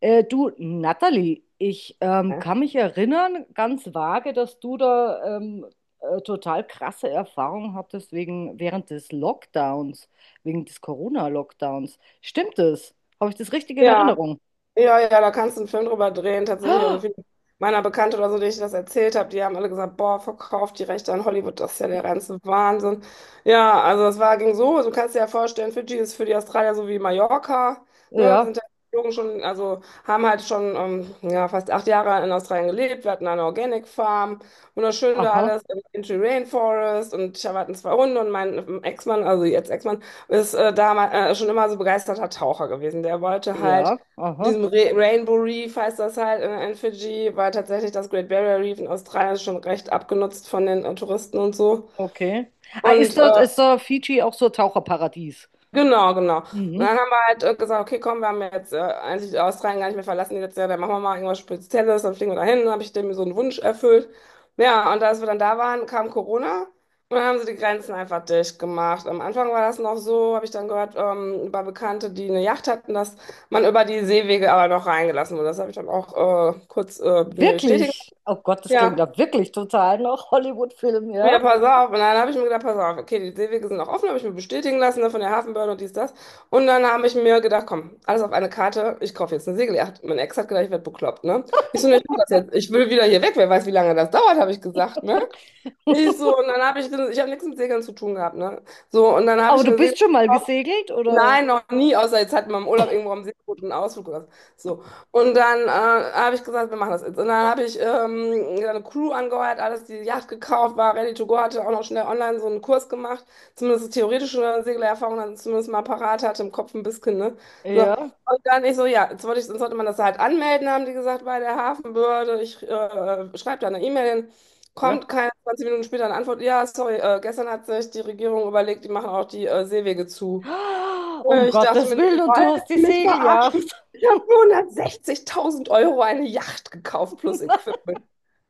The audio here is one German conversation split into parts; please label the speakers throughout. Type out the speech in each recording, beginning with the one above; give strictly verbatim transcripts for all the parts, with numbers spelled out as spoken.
Speaker 1: Äh, du, Natalie, ich ähm, kann mich erinnern, ganz vage, dass du da ähm, äh, total krasse Erfahrungen hattest wegen, während des Lockdowns, wegen des Corona-Lockdowns. Stimmt das? Habe ich das richtig in
Speaker 2: Ja,
Speaker 1: Erinnerung?
Speaker 2: ja, ja, da kannst du einen Film drüber drehen, tatsächlich. Also
Speaker 1: Ah,
Speaker 2: viele meiner Bekannte oder so, denen ich das erzählt habe, die haben alle gesagt, boah, verkauft die Rechte an Hollywood, das ist ja der reinste Wahnsinn. Ja, also es war, ging so, du kannst dir ja vorstellen, Fidschi ist für die Australier so wie Mallorca, ne, wir
Speaker 1: ja,
Speaker 2: sind ja geflogen schon, also haben halt schon ähm, ja, fast acht Jahre in Australien gelebt, wir hatten eine Organic Farm, wunderschön da
Speaker 1: aha,
Speaker 2: alles im Country Rainforest, und ich hatte zwei Hunde. Und mein ähm, Ex-Mann, also jetzt Ex-Mann, ist äh, damals äh, schon immer so begeisterter Taucher gewesen, der wollte halt
Speaker 1: ja, aha,
Speaker 2: diesem Re Rainbow Reef, heißt das halt in, in Fidschi, war tatsächlich das Great Barrier Reef in Australien schon recht abgenutzt von den äh, Touristen und so.
Speaker 1: okay. Ah, ist
Speaker 2: Und
Speaker 1: da,
Speaker 2: äh,
Speaker 1: ist da Fidschi auch so ein Taucherparadies?
Speaker 2: Genau, genau. Und
Speaker 1: Mhm.
Speaker 2: dann haben wir halt äh, gesagt, okay, komm, wir haben ja jetzt äh, eigentlich Australien gar nicht mehr verlassen die letzte Jahr, dann machen wir mal irgendwas Spezielles, dann fliegen wir dahin, dann habe ich dem so einen Wunsch erfüllt. Ja, und als wir dann da waren, kam Corona und dann haben sie die Grenzen einfach dicht gemacht. Am Anfang war das noch so, habe ich dann gehört, ähm, über Bekannte, die eine Yacht hatten, dass man über die Seewege aber noch reingelassen wurde. Das habe ich dann auch äh, kurz äh, mir bestätigen lassen.
Speaker 1: Wirklich? Oh Gott, das klingt
Speaker 2: Ja,
Speaker 1: da wirklich total nach Hollywood-Film, ja?
Speaker 2: wieder, pass auf. Und dann habe ich mir gedacht, pass auf, okay, die Seewege sind noch offen, habe ich mir bestätigen lassen, ne, von der Hafenbehörde und dies, das. Und dann habe ich mir gedacht, komm, alles auf eine Karte, ich kaufe jetzt eine Segeljagd. Mein Ex hat gedacht, ich werde bekloppt, ne? Ich so, ne, ich mach das jetzt. Ich will wieder hier weg, wer weiß, wie lange das dauert, habe ich gesagt, ne? Ich so, und dann habe ich, ich habe nichts mit Segeln zu tun gehabt, ne? So, und dann habe ich
Speaker 1: Aber du
Speaker 2: mir Segel.
Speaker 1: bist schon mal gesegelt, oder?
Speaker 2: Nein, noch nie, außer jetzt hatten wir im Urlaub irgendwo am See einen Ausflug oder so. So. Und dann äh, habe ich gesagt, wir machen das jetzt. Und dann habe ich ähm, eine Crew angeheuert, alles die Yacht gekauft, war ready to go, hatte auch noch schnell online so einen Kurs gemacht, zumindest theoretische Segelerfahrung dann zumindest mal parat hatte im Kopf ein bisschen, ne? So.
Speaker 1: Ja.
Speaker 2: Und dann ich so, ja, jetzt wollte ich, sonst sollte man das halt anmelden, haben die gesagt, bei der Hafenbehörde. Ich äh, schreibe da eine E-Mail hin.
Speaker 1: Ja.
Speaker 2: Kommt keine zwanzig Minuten später eine Antwort. Ja, sorry, äh, gestern hat sich die Regierung überlegt, die machen auch die äh, Seewege zu.
Speaker 1: Um
Speaker 2: Äh, Ich dachte
Speaker 1: Gottes
Speaker 2: mir,
Speaker 1: Willen, und du
Speaker 2: wollen
Speaker 1: hast die
Speaker 2: die mich verarschen?
Speaker 1: Segeljagd.
Speaker 2: Ich habe für hundertsechzigtausend Euro eine Yacht gekauft plus
Speaker 1: Nein,
Speaker 2: Equipment.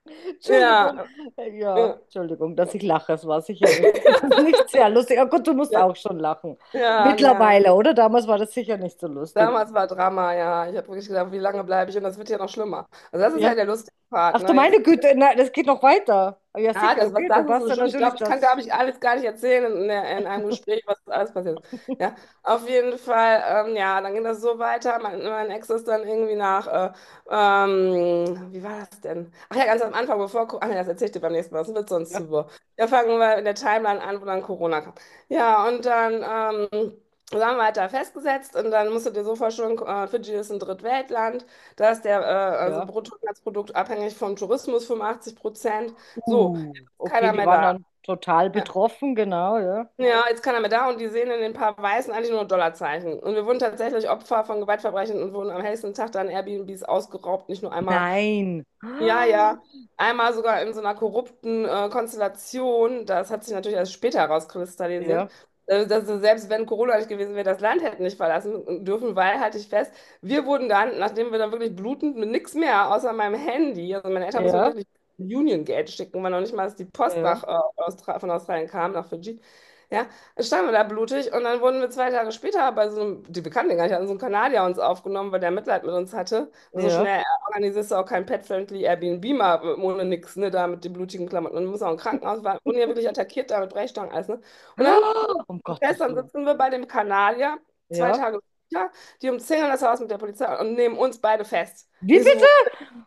Speaker 1: Entschuldigung.
Speaker 2: Ja,
Speaker 1: Ja,
Speaker 2: ja,
Speaker 1: Entschuldigung, dass ich lache. Es war sicher nicht, nicht sehr lustig. Oh Gott, du musst
Speaker 2: ja,
Speaker 1: auch schon lachen.
Speaker 2: ja, ja.
Speaker 1: Mittlerweile, oder? Damals war das sicher nicht so lustig.
Speaker 2: Damals war Drama, ja. Ich habe wirklich gedacht, wie lange bleibe ich? Und das wird ja noch schlimmer. Also das ist
Speaker 1: Ja.
Speaker 2: ja der lustige Part,
Speaker 1: Ach du
Speaker 2: ne? Jetzt,
Speaker 1: meine Güte, nein, das geht noch weiter. Ja,
Speaker 2: ah,
Speaker 1: sicher,
Speaker 2: das, was
Speaker 1: okay, du
Speaker 2: das ist,
Speaker 1: warst
Speaker 2: so
Speaker 1: dann
Speaker 2: schon. Ich
Speaker 1: natürlich
Speaker 2: glaube, ich kann gar
Speaker 1: das.
Speaker 2: nicht alles gar nicht erzählen in, der- in einem Gespräch, was alles passiert ist. Ja, auf jeden Fall, ähm, ja, dann ging das so weiter. Mein, mein Ex ist dann irgendwie nach, äh, ähm, wie war das denn? Ach ja, ganz am Anfang, bevor, Co- ach nee, das erzähl ich dir beim nächsten Mal, das wird sonst
Speaker 1: Ja,
Speaker 2: zu wirr. Ja, fangen wir in der Timeline an, wo dann Corona kam. Ja, und dann, ähm, so haben wir halt da festgesetzt, und dann musst du dir so vorstellen, äh, Fidschi ist ein Drittweltland, da ist der äh, also
Speaker 1: ja.
Speaker 2: Bruttoinlandsprodukt abhängig vom Tourismus fünfundachtzig Prozent. So,
Speaker 1: Uh, okay,
Speaker 2: keiner
Speaker 1: die
Speaker 2: mehr
Speaker 1: waren
Speaker 2: da.
Speaker 1: dann total
Speaker 2: Ja.
Speaker 1: betroffen, genau, ja.
Speaker 2: Ja, jetzt keiner mehr da und die sehen in den paar Weißen eigentlich nur Dollarzeichen. Und wir wurden tatsächlich Opfer von Gewaltverbrechen und wurden am hellsten Tag dann Airbnbs ausgeraubt, nicht nur einmal,
Speaker 1: Nein.
Speaker 2: ja,
Speaker 1: Ah,
Speaker 2: ja. Einmal sogar in so einer korrupten äh, Konstellation. Das hat sich natürlich erst später herauskristallisiert.
Speaker 1: ja,
Speaker 2: Äh, dass, selbst wenn Corona nicht gewesen wäre, das Land hätten nicht verlassen dürfen, weil, halte ich fest, wir wurden dann, nachdem wir dann wirklich blutend mit nichts mehr außer meinem Handy, also meine Eltern mussten mir
Speaker 1: ja,
Speaker 2: wirklich Union Geld schicken, weil noch nicht mal dass die Post
Speaker 1: ja,
Speaker 2: nach, äh, Austra von Australien kam, nach Fidschi. Ja, standen wir da blutig, und dann wurden wir zwei Tage später bei so einem, die Bekannten gar nicht hatten, so einem Kanadier uns aufgenommen, weil der Mitleid mit uns hatte. So
Speaker 1: ja.
Speaker 2: schnell organisierst du auch kein pet-friendly Airbnb mal äh, ohne nix, ne, da mit den blutigen Klamotten. Und du musst auch im Krankenhaus, waren, wurden ja wirklich attackiert da mit Brechstangen, alles, ne? Und dann,
Speaker 1: Ah, um Gottes
Speaker 2: gestern
Speaker 1: Willen.
Speaker 2: sitzen wir bei dem Kanadier, zwei
Speaker 1: Ja.
Speaker 2: Tage später, die umzingeln das Haus mit der Polizei und nehmen uns beide fest.
Speaker 1: Wie
Speaker 2: Ich
Speaker 1: bitte?
Speaker 2: so,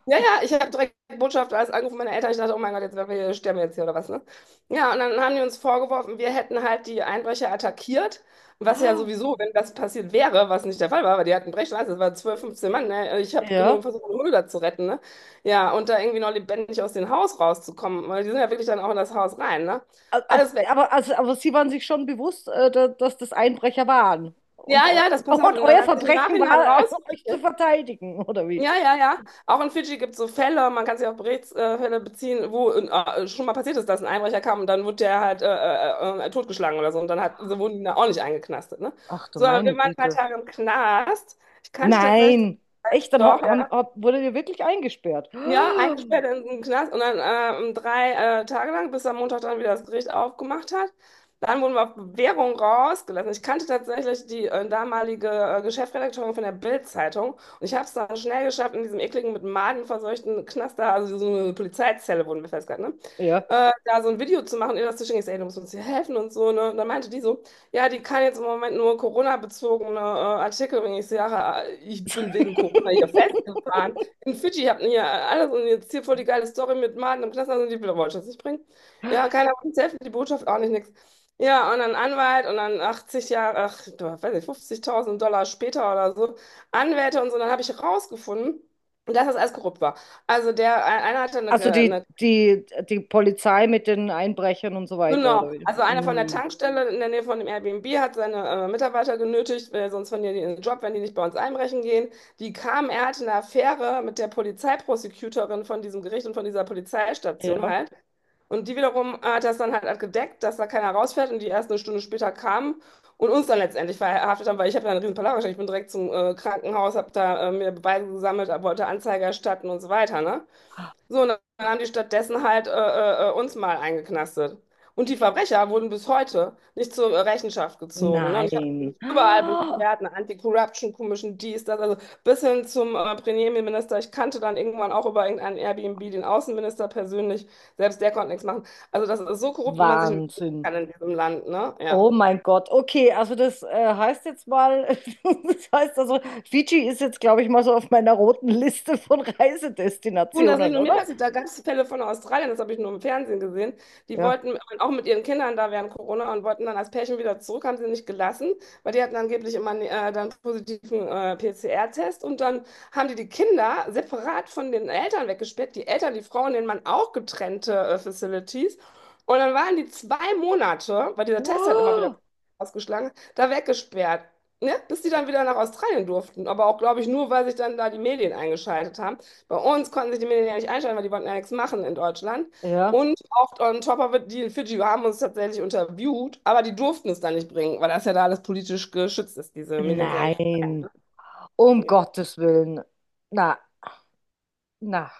Speaker 2: ja, ja, ich habe direkt Botschaft alles angerufen, meine Eltern. Ich dachte, oh mein Gott, jetzt wir sterben wir jetzt hier oder was, ne? Ja, und dann haben die uns vorgeworfen, wir hätten halt die Einbrecher attackiert. Was ja
Speaker 1: Ah,
Speaker 2: sowieso, wenn das passiert wäre, was nicht der Fall war, weil die hatten Brechschleife, das waren zwölf, fünfzehn Mann, ne? Ich habe
Speaker 1: ja.
Speaker 2: nur versucht, meine Hunde da zu retten, ne? Ja, und da irgendwie noch lebendig aus dem Haus rauszukommen, weil die sind ja wirklich dann auch in das Haus rein, ne?
Speaker 1: A- a-
Speaker 2: Alles weg.
Speaker 1: Aber, also, aber Sie waren sich schon bewusst, äh, da- dass das Einbrecher waren. Und,
Speaker 2: Ja,
Speaker 1: eu
Speaker 2: ja, das, pass auf.
Speaker 1: Und
Speaker 2: Und dann
Speaker 1: euer
Speaker 2: hat sich im
Speaker 1: Verbrechen
Speaker 2: Nachhinein
Speaker 1: war, äh, euch zu
Speaker 2: rausgestellt,
Speaker 1: verteidigen, oder wie?
Speaker 2: ja, ja, ja. Auch in Fidschi gibt es so Fälle, man kann sich auf Berichtsfälle äh, beziehen, wo äh, schon mal passiert ist, dass ein Einbrecher kam und dann wurde der halt äh, äh, äh, totgeschlagen oder so, und dann hat, so wurden die da auch nicht eingeknastet, ne?
Speaker 1: Ach du
Speaker 2: So, aber wir
Speaker 1: meine
Speaker 2: waren ein paar
Speaker 1: Güte.
Speaker 2: Tage im Knast. Ich kannte tatsächlich,
Speaker 1: Nein. Echt, dann ha-
Speaker 2: doch,
Speaker 1: haben,
Speaker 2: ja.
Speaker 1: hab, wurde ihr wirklich eingesperrt.
Speaker 2: Ja, eingesperrt in den Knast, und dann äh, um drei äh, Tage lang, bis am Montag dann wieder das Gericht aufgemacht hat. Dann wurden wir auf Bewährung rausgelassen. Ich kannte tatsächlich die äh, damalige äh, Geschäftsredakteurin von der Bild-Zeitung, und ich habe es dann schnell geschafft, in diesem ekligen, mit Maden verseuchten Knast da, also so eine Polizeizelle wurden wir festgehalten, ne,
Speaker 1: Ah, ja.
Speaker 2: Äh, da so ein Video zu machen, ihr das zu schicken. Ich sag, ey, du musst uns hier helfen und so, ne? Und dann meinte die so, ja, die kann jetzt im Moment nur Corona-bezogene äh, Artikel, wenn ich sage, ich bin wegen Corona hier festgefahren. In Fidschi hatten hier alles und jetzt hier voll die geile Story mit Martin im Knast, also die Bilder wollte ich das nicht bringen. Ja, keiner wollte uns helfen, die Botschaft auch nicht, nix. Ja, und dann Anwalt und dann achtzig Jahre, ach, du, weiß nicht, fünfzigtausend Dollar später oder so, Anwälte und so, dann habe ich rausgefunden, dass das alles korrupt war. Also der, einer hatte eine,
Speaker 1: Also die,
Speaker 2: eine
Speaker 1: die, die Polizei mit den Einbrechern und so weiter, oder
Speaker 2: Genau,
Speaker 1: wie?
Speaker 2: also einer von der
Speaker 1: Mm,
Speaker 2: Tankstelle in der Nähe von dem Airbnb hat seine äh, Mitarbeiter genötigt, weil sonst verlieren die ihren Job, wenn die nicht bei uns einbrechen gehen. Die kamen, er hatte eine Affäre mit der Polizeiprosecutorin von diesem Gericht und von dieser Polizeistation
Speaker 1: ja.
Speaker 2: halt. Und die wiederum hat das dann halt gedeckt, dass da keiner rausfährt und die erst eine Stunde später kamen und uns dann letztendlich verhaftet haben, weil ich habe ja einen riesen Palaver gestellt. Ich bin direkt zum äh, Krankenhaus, habe da äh, mir Beweise gesammelt, wollte Anzeige erstatten und so weiter, ne? So, und dann haben die stattdessen halt äh, äh, äh, uns mal eingeknastet. Und die Verbrecher wurden bis heute nicht zur äh, Rechenschaft gezogen. Ne? Und ich habe
Speaker 1: Nein.
Speaker 2: mich überall
Speaker 1: Ah,
Speaker 2: beschwert, eine Anti-Corruption Commission, dies, das, also bis hin zum äh, Premierminister. Ich kannte dann irgendwann auch über irgendeinen Airbnb den Außenminister persönlich. Selbst der konnte nichts machen. Also das ist so korrupt, wie man sich nicht denken
Speaker 1: Wahnsinn.
Speaker 2: kann in diesem Land. Ne?
Speaker 1: Oh
Speaker 2: Ja.
Speaker 1: mein Gott, okay, also das äh, heißt jetzt mal, das heißt also, Fidschi ist jetzt, glaube ich, mal so auf meiner roten Liste von
Speaker 2: Und das nicht
Speaker 1: Reisedestinationen,
Speaker 2: nur mir
Speaker 1: oder?
Speaker 2: passiert, da gab es Fälle von Australien, das habe ich nur im Fernsehen gesehen. Die
Speaker 1: Ja.
Speaker 2: wollten auch mit ihren Kindern da während Corona und wollten dann als Pärchen wieder zurück, haben sie nicht gelassen, weil die hatten angeblich immer äh, dann positiven äh, P C R-Test, und dann haben die die Kinder separat von den Eltern weggesperrt, die Eltern, die Frauen, den Mann auch getrennte äh, Facilities. Und dann waren die zwei Monate, weil dieser Test hat immer wieder ausgeschlagen, hat, da weggesperrt. Ne? Bis die dann wieder nach Australien durften. Aber auch, glaube ich, nur, weil sich dann da die Medien eingeschaltet haben. Bei uns konnten sich die Millionäre nicht einschalten, weil die wollten ja nichts machen in Deutschland.
Speaker 1: Oh, ja.
Speaker 2: Und oft on top of it, die in Fidschi haben uns tatsächlich interviewt, aber die durften es dann nicht bringen, weil das ja da alles politisch geschützt ist, diese Medien sind ja nicht
Speaker 1: Nein,
Speaker 2: frei.
Speaker 1: um
Speaker 2: Ja.
Speaker 1: Gottes Willen. Na, na.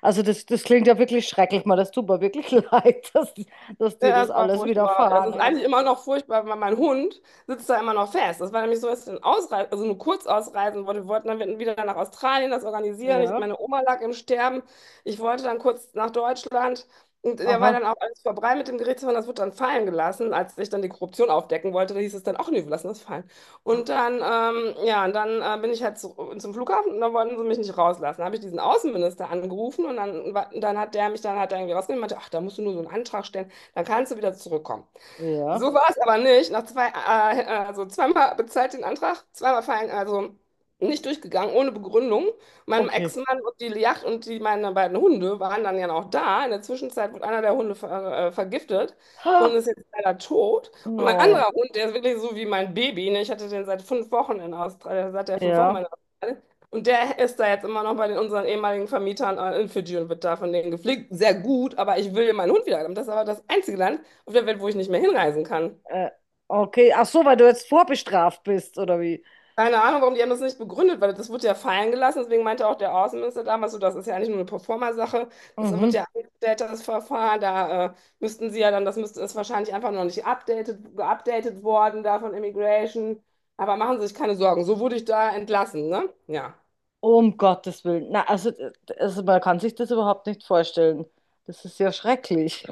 Speaker 1: Also das, das klingt ja wirklich schrecklich, mal. Das tut mir wirklich leid, dass, dass dir
Speaker 2: Ja,
Speaker 1: das
Speaker 2: es war
Speaker 1: alles
Speaker 2: furchtbar. Also,
Speaker 1: widerfahren
Speaker 2: Es ist eigentlich
Speaker 1: ist.
Speaker 2: immer noch furchtbar, weil mein Hund sitzt da immer noch fest. Das war nämlich so, dass ich dann ausreisen, also nur kurz ausreisen wollte. Wir wollten dann wieder nach Australien das organisieren. Ich,
Speaker 1: Ja,
Speaker 2: meine Oma lag im Sterben. Ich wollte dann kurz nach Deutschland. Und der war
Speaker 1: aha,
Speaker 2: dann auch alles vorbei mit dem Gerichtsverfahren. Das wurde dann fallen gelassen. Als ich dann die Korruption aufdecken wollte, da hieß es dann auch, nee, wir lassen das fallen. Und dann, ähm, ja, und dann äh, bin ich halt zu, zum Flughafen, und dann wollten sie mich nicht rauslassen. Da habe ich diesen Außenminister angerufen, und dann, war- dann hat der mich dann hat er irgendwie rausgenommen und meinte, ach, da musst du nur so einen Antrag stellen, dann kannst du wieder zurückkommen.
Speaker 1: ja,
Speaker 2: So war es aber nicht. Nach zwei, äh, also zweimal bezahlt den Antrag, zweimal fallen, also nicht durchgegangen, ohne Begründung. Mein
Speaker 1: okay.
Speaker 2: Ex-Mann und die Yacht und die, meine beiden Hunde waren dann ja noch da. In der Zwischenzeit wurde einer der Hunde ver, äh, vergiftet und
Speaker 1: Ah,
Speaker 2: ist jetzt leider tot. Und mein
Speaker 1: no,
Speaker 2: anderer Hund, der ist wirklich so wie mein Baby, ne? Ich hatte den seit fünf Wochen in Australien, seit der fünf Wochen
Speaker 1: ja,
Speaker 2: in Australien. Und der ist da jetzt immer noch bei den, unseren ehemaligen Vermietern äh, in Fidschi, und wird da von denen gepflegt. Sehr gut, aber ich will meinen Hund wieder haben. Das ist aber das einzige Land auf der Welt, wo ich nicht mehr hinreisen kann.
Speaker 1: äh, okay. Ach so, weil du jetzt vorbestraft bist, oder wie?
Speaker 2: Keine Ahnung, warum, die haben das nicht begründet, weil das wurde ja fallen gelassen. Deswegen meinte auch der Außenminister damals so, das ist ja eigentlich nur eine Proforma-Sache. Das wird
Speaker 1: Mhm.
Speaker 2: ja angestellt, das Verfahren. Da äh, müssten sie ja dann, das müsste, ist wahrscheinlich einfach noch nicht updated, geupdatet worden da von Immigration. Aber machen Sie sich keine Sorgen. So wurde ich da entlassen, ne? Ja.
Speaker 1: Um Gottes Willen. Na, also, d- also man kann sich das überhaupt nicht vorstellen. Das ist ja schrecklich.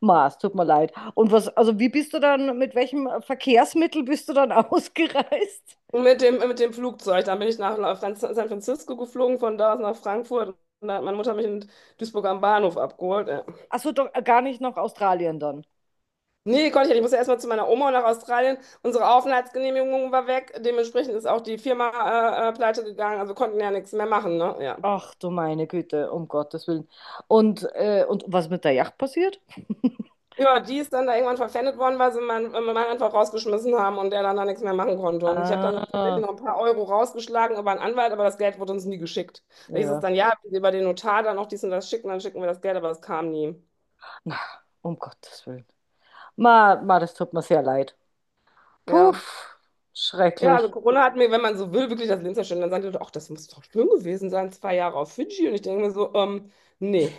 Speaker 1: Ma, es tut mir leid. Und was, also wie bist du dann, mit welchem Verkehrsmittel bist du dann ausgereist?
Speaker 2: Und mit dem, mit dem Flugzeug, dann bin ich nach nach Fran- San Francisco geflogen, von da aus nach Frankfurt. Und da hat meine Mutter mich in Duisburg am Bahnhof abgeholt. Ja.
Speaker 1: Achso, doch äh, gar nicht nach Australien dann.
Speaker 2: Nee, konnte ich nicht. Ich musste erstmal zu meiner Oma nach Australien. Unsere Aufenthaltsgenehmigung war weg. Dementsprechend ist auch die Firma äh, äh, pleite gegangen. Also konnten ja nichts mehr machen, ne? Ja.
Speaker 1: Ach du meine Güte, um Gottes Willen. Und, äh, und was mit der Yacht passiert?
Speaker 2: Ja, die ist dann da irgendwann verpfändet worden, weil sie meinen äh, Mann einfach rausgeschmissen haben und der dann da nichts mehr machen konnte. Und ich habe dann tatsächlich
Speaker 1: Ah,
Speaker 2: noch ein paar Euro rausgeschlagen über einen Anwalt, aber das Geld wurde uns nie geschickt. Da hieß es
Speaker 1: ja.
Speaker 2: dann, ja, wenn Sie über den Notar dann noch dies und das schicken, dann schicken wir das Geld, aber das kam nie.
Speaker 1: Na, um Gottes Willen. Ma, ma, das tut mir sehr leid.
Speaker 2: Ja.
Speaker 1: Puff,
Speaker 2: Ja, also
Speaker 1: schrecklich.
Speaker 2: Corona hat mir, wenn man so will, wirklich das Leben zerstört. Dann sagen die Leute, ach, das muss doch schön gewesen sein, zwei Jahre auf Fidschi. Und ich denke mir so, ähm, nee.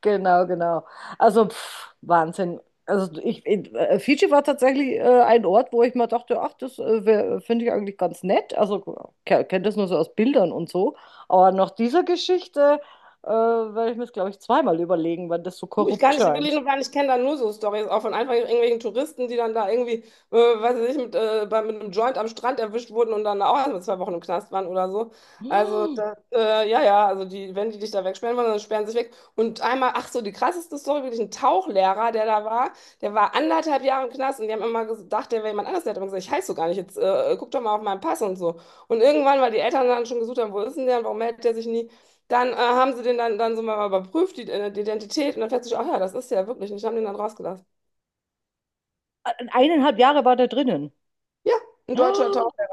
Speaker 1: Genau, genau. Also pff, Wahnsinn. Also ich, ich- äh, Fidschi war tatsächlich äh, ein Ort, wo ich mir dachte, ach, das äh, finde ich eigentlich ganz nett. Also ke- kennt das nur so aus Bildern und so. Aber nach dieser Geschichte äh, werde ich mir das, glaube ich, zweimal überlegen, weil das so
Speaker 2: Du, ich
Speaker 1: korrupt
Speaker 2: kann nicht wirklich,
Speaker 1: scheint.
Speaker 2: nur gar nicht, kennen da nur so Stories auch von einfach irgendwelchen Touristen, die dann da irgendwie, äh, weiß ich nicht, mit, äh, bei, mit einem Joint am Strand erwischt wurden und dann auch erstmal zwei Wochen im Knast waren oder so. Also
Speaker 1: Hm.
Speaker 2: da, äh, ja, ja, also die, wenn die dich da wegsperren wollen, dann sperren sie sich weg. Und einmal, ach so, die krasseste Story, wirklich ein Tauchlehrer, der da war, der war anderthalb Jahre im Knast, und die haben immer gedacht, der wäre jemand anders. Der hat immer gesagt, ich heiße so gar nicht, jetzt äh, guck doch mal auf meinen Pass und so. Und irgendwann, weil die Eltern dann schon gesucht haben, wo ist denn der und warum meldet der sich nie? Dann äh, haben sie den dann, dann so mal überprüft, die, äh, die Identität, und dann festgestellt, ach ja, das ist ja wirklich nicht. Haben den dann rausgelassen.
Speaker 1: Eineinhalb Jahre war der drinnen.
Speaker 2: Ja, ein deutscher
Speaker 1: Oh,
Speaker 2: Taucher.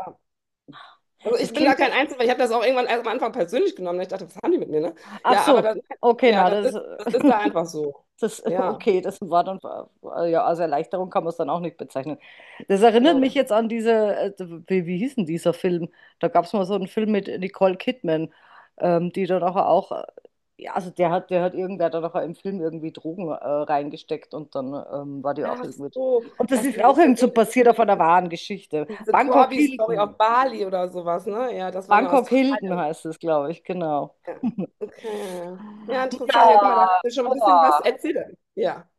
Speaker 2: Also
Speaker 1: das
Speaker 2: ich bin da
Speaker 1: klingt ja,
Speaker 2: kein Einzelfall, ich habe das auch irgendwann erst am Anfang persönlich genommen. Ich dachte, was haben die mit mir, ne?
Speaker 1: ach
Speaker 2: Ja, aber
Speaker 1: so.
Speaker 2: das,
Speaker 1: Okay,
Speaker 2: ja,
Speaker 1: na,
Speaker 2: das
Speaker 1: das.
Speaker 2: ist,
Speaker 1: äh,
Speaker 2: das ist da einfach so.
Speaker 1: Das,
Speaker 2: Ja.
Speaker 1: okay, das war dann, äh, ja, als Erleichterung kann man es dann auch nicht bezeichnen. Das erinnert mich
Speaker 2: Ne.
Speaker 1: jetzt an diese, äh, wie, wie hieß denn dieser Film? Da gab es mal so einen Film mit Nicole Kidman, ähm, die dann auch, auch, äh, ja, also der hat, der hat irgendwer da noch im Film irgendwie Drogen äh, reingesteckt und dann ähm, war die auch
Speaker 2: Ach
Speaker 1: irgendwie.
Speaker 2: so,
Speaker 1: Und das
Speaker 2: das
Speaker 1: ist auch
Speaker 2: ist
Speaker 1: irgend so passiert auf einer
Speaker 2: diese
Speaker 1: wahren Geschichte.
Speaker 2: diese
Speaker 1: Bangkok
Speaker 2: Corby-Story
Speaker 1: Hilton.
Speaker 2: auf Bali oder sowas, ne? Ja, das war in
Speaker 1: Bangkok Hilton
Speaker 2: Australien.
Speaker 1: heißt es, glaube ich, genau.
Speaker 2: Ja. Okay. Ja, ja. Ja, interessant. Ja, guck mal, da hast
Speaker 1: Ja,
Speaker 2: du schon ein bisschen was
Speaker 1: boah.
Speaker 2: erzählt. Ja.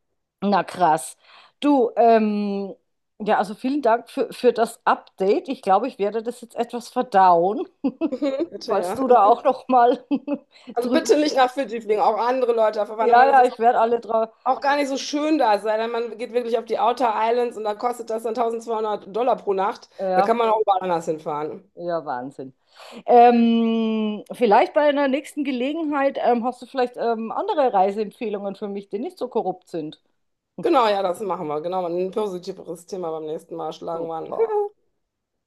Speaker 1: Na krass. Du, ähm, ja, also vielen Dank für, für das Update. Ich glaube, ich werde das jetzt etwas verdauen,
Speaker 2: Bitte,
Speaker 1: falls
Speaker 2: ja.
Speaker 1: du da auch noch mal
Speaker 2: Also
Speaker 1: drüber
Speaker 2: bitte nicht
Speaker 1: schla.
Speaker 2: nach Fidschi fliegen, auch andere Leute verwandeln,
Speaker 1: Ja,
Speaker 2: weil das
Speaker 1: ja,
Speaker 2: ist
Speaker 1: ich werde alle drauf.
Speaker 2: auch gar nicht so schön da, es sei denn, man geht wirklich auf die Outer Islands, und da kostet das dann tausendzweihundert Dollar pro Nacht. Da kann
Speaker 1: Ja,
Speaker 2: man auch überall anders hinfahren.
Speaker 1: ja, Wahnsinn. Ähm, vielleicht bei einer nächsten Gelegenheit ähm, hast du vielleicht ähm, andere Reiseempfehlungen für mich, die nicht so korrupt sind.
Speaker 2: Genau, ja, das machen wir. Genau, ein positiveres Thema beim nächsten Mal schlagen wir an.
Speaker 1: Super.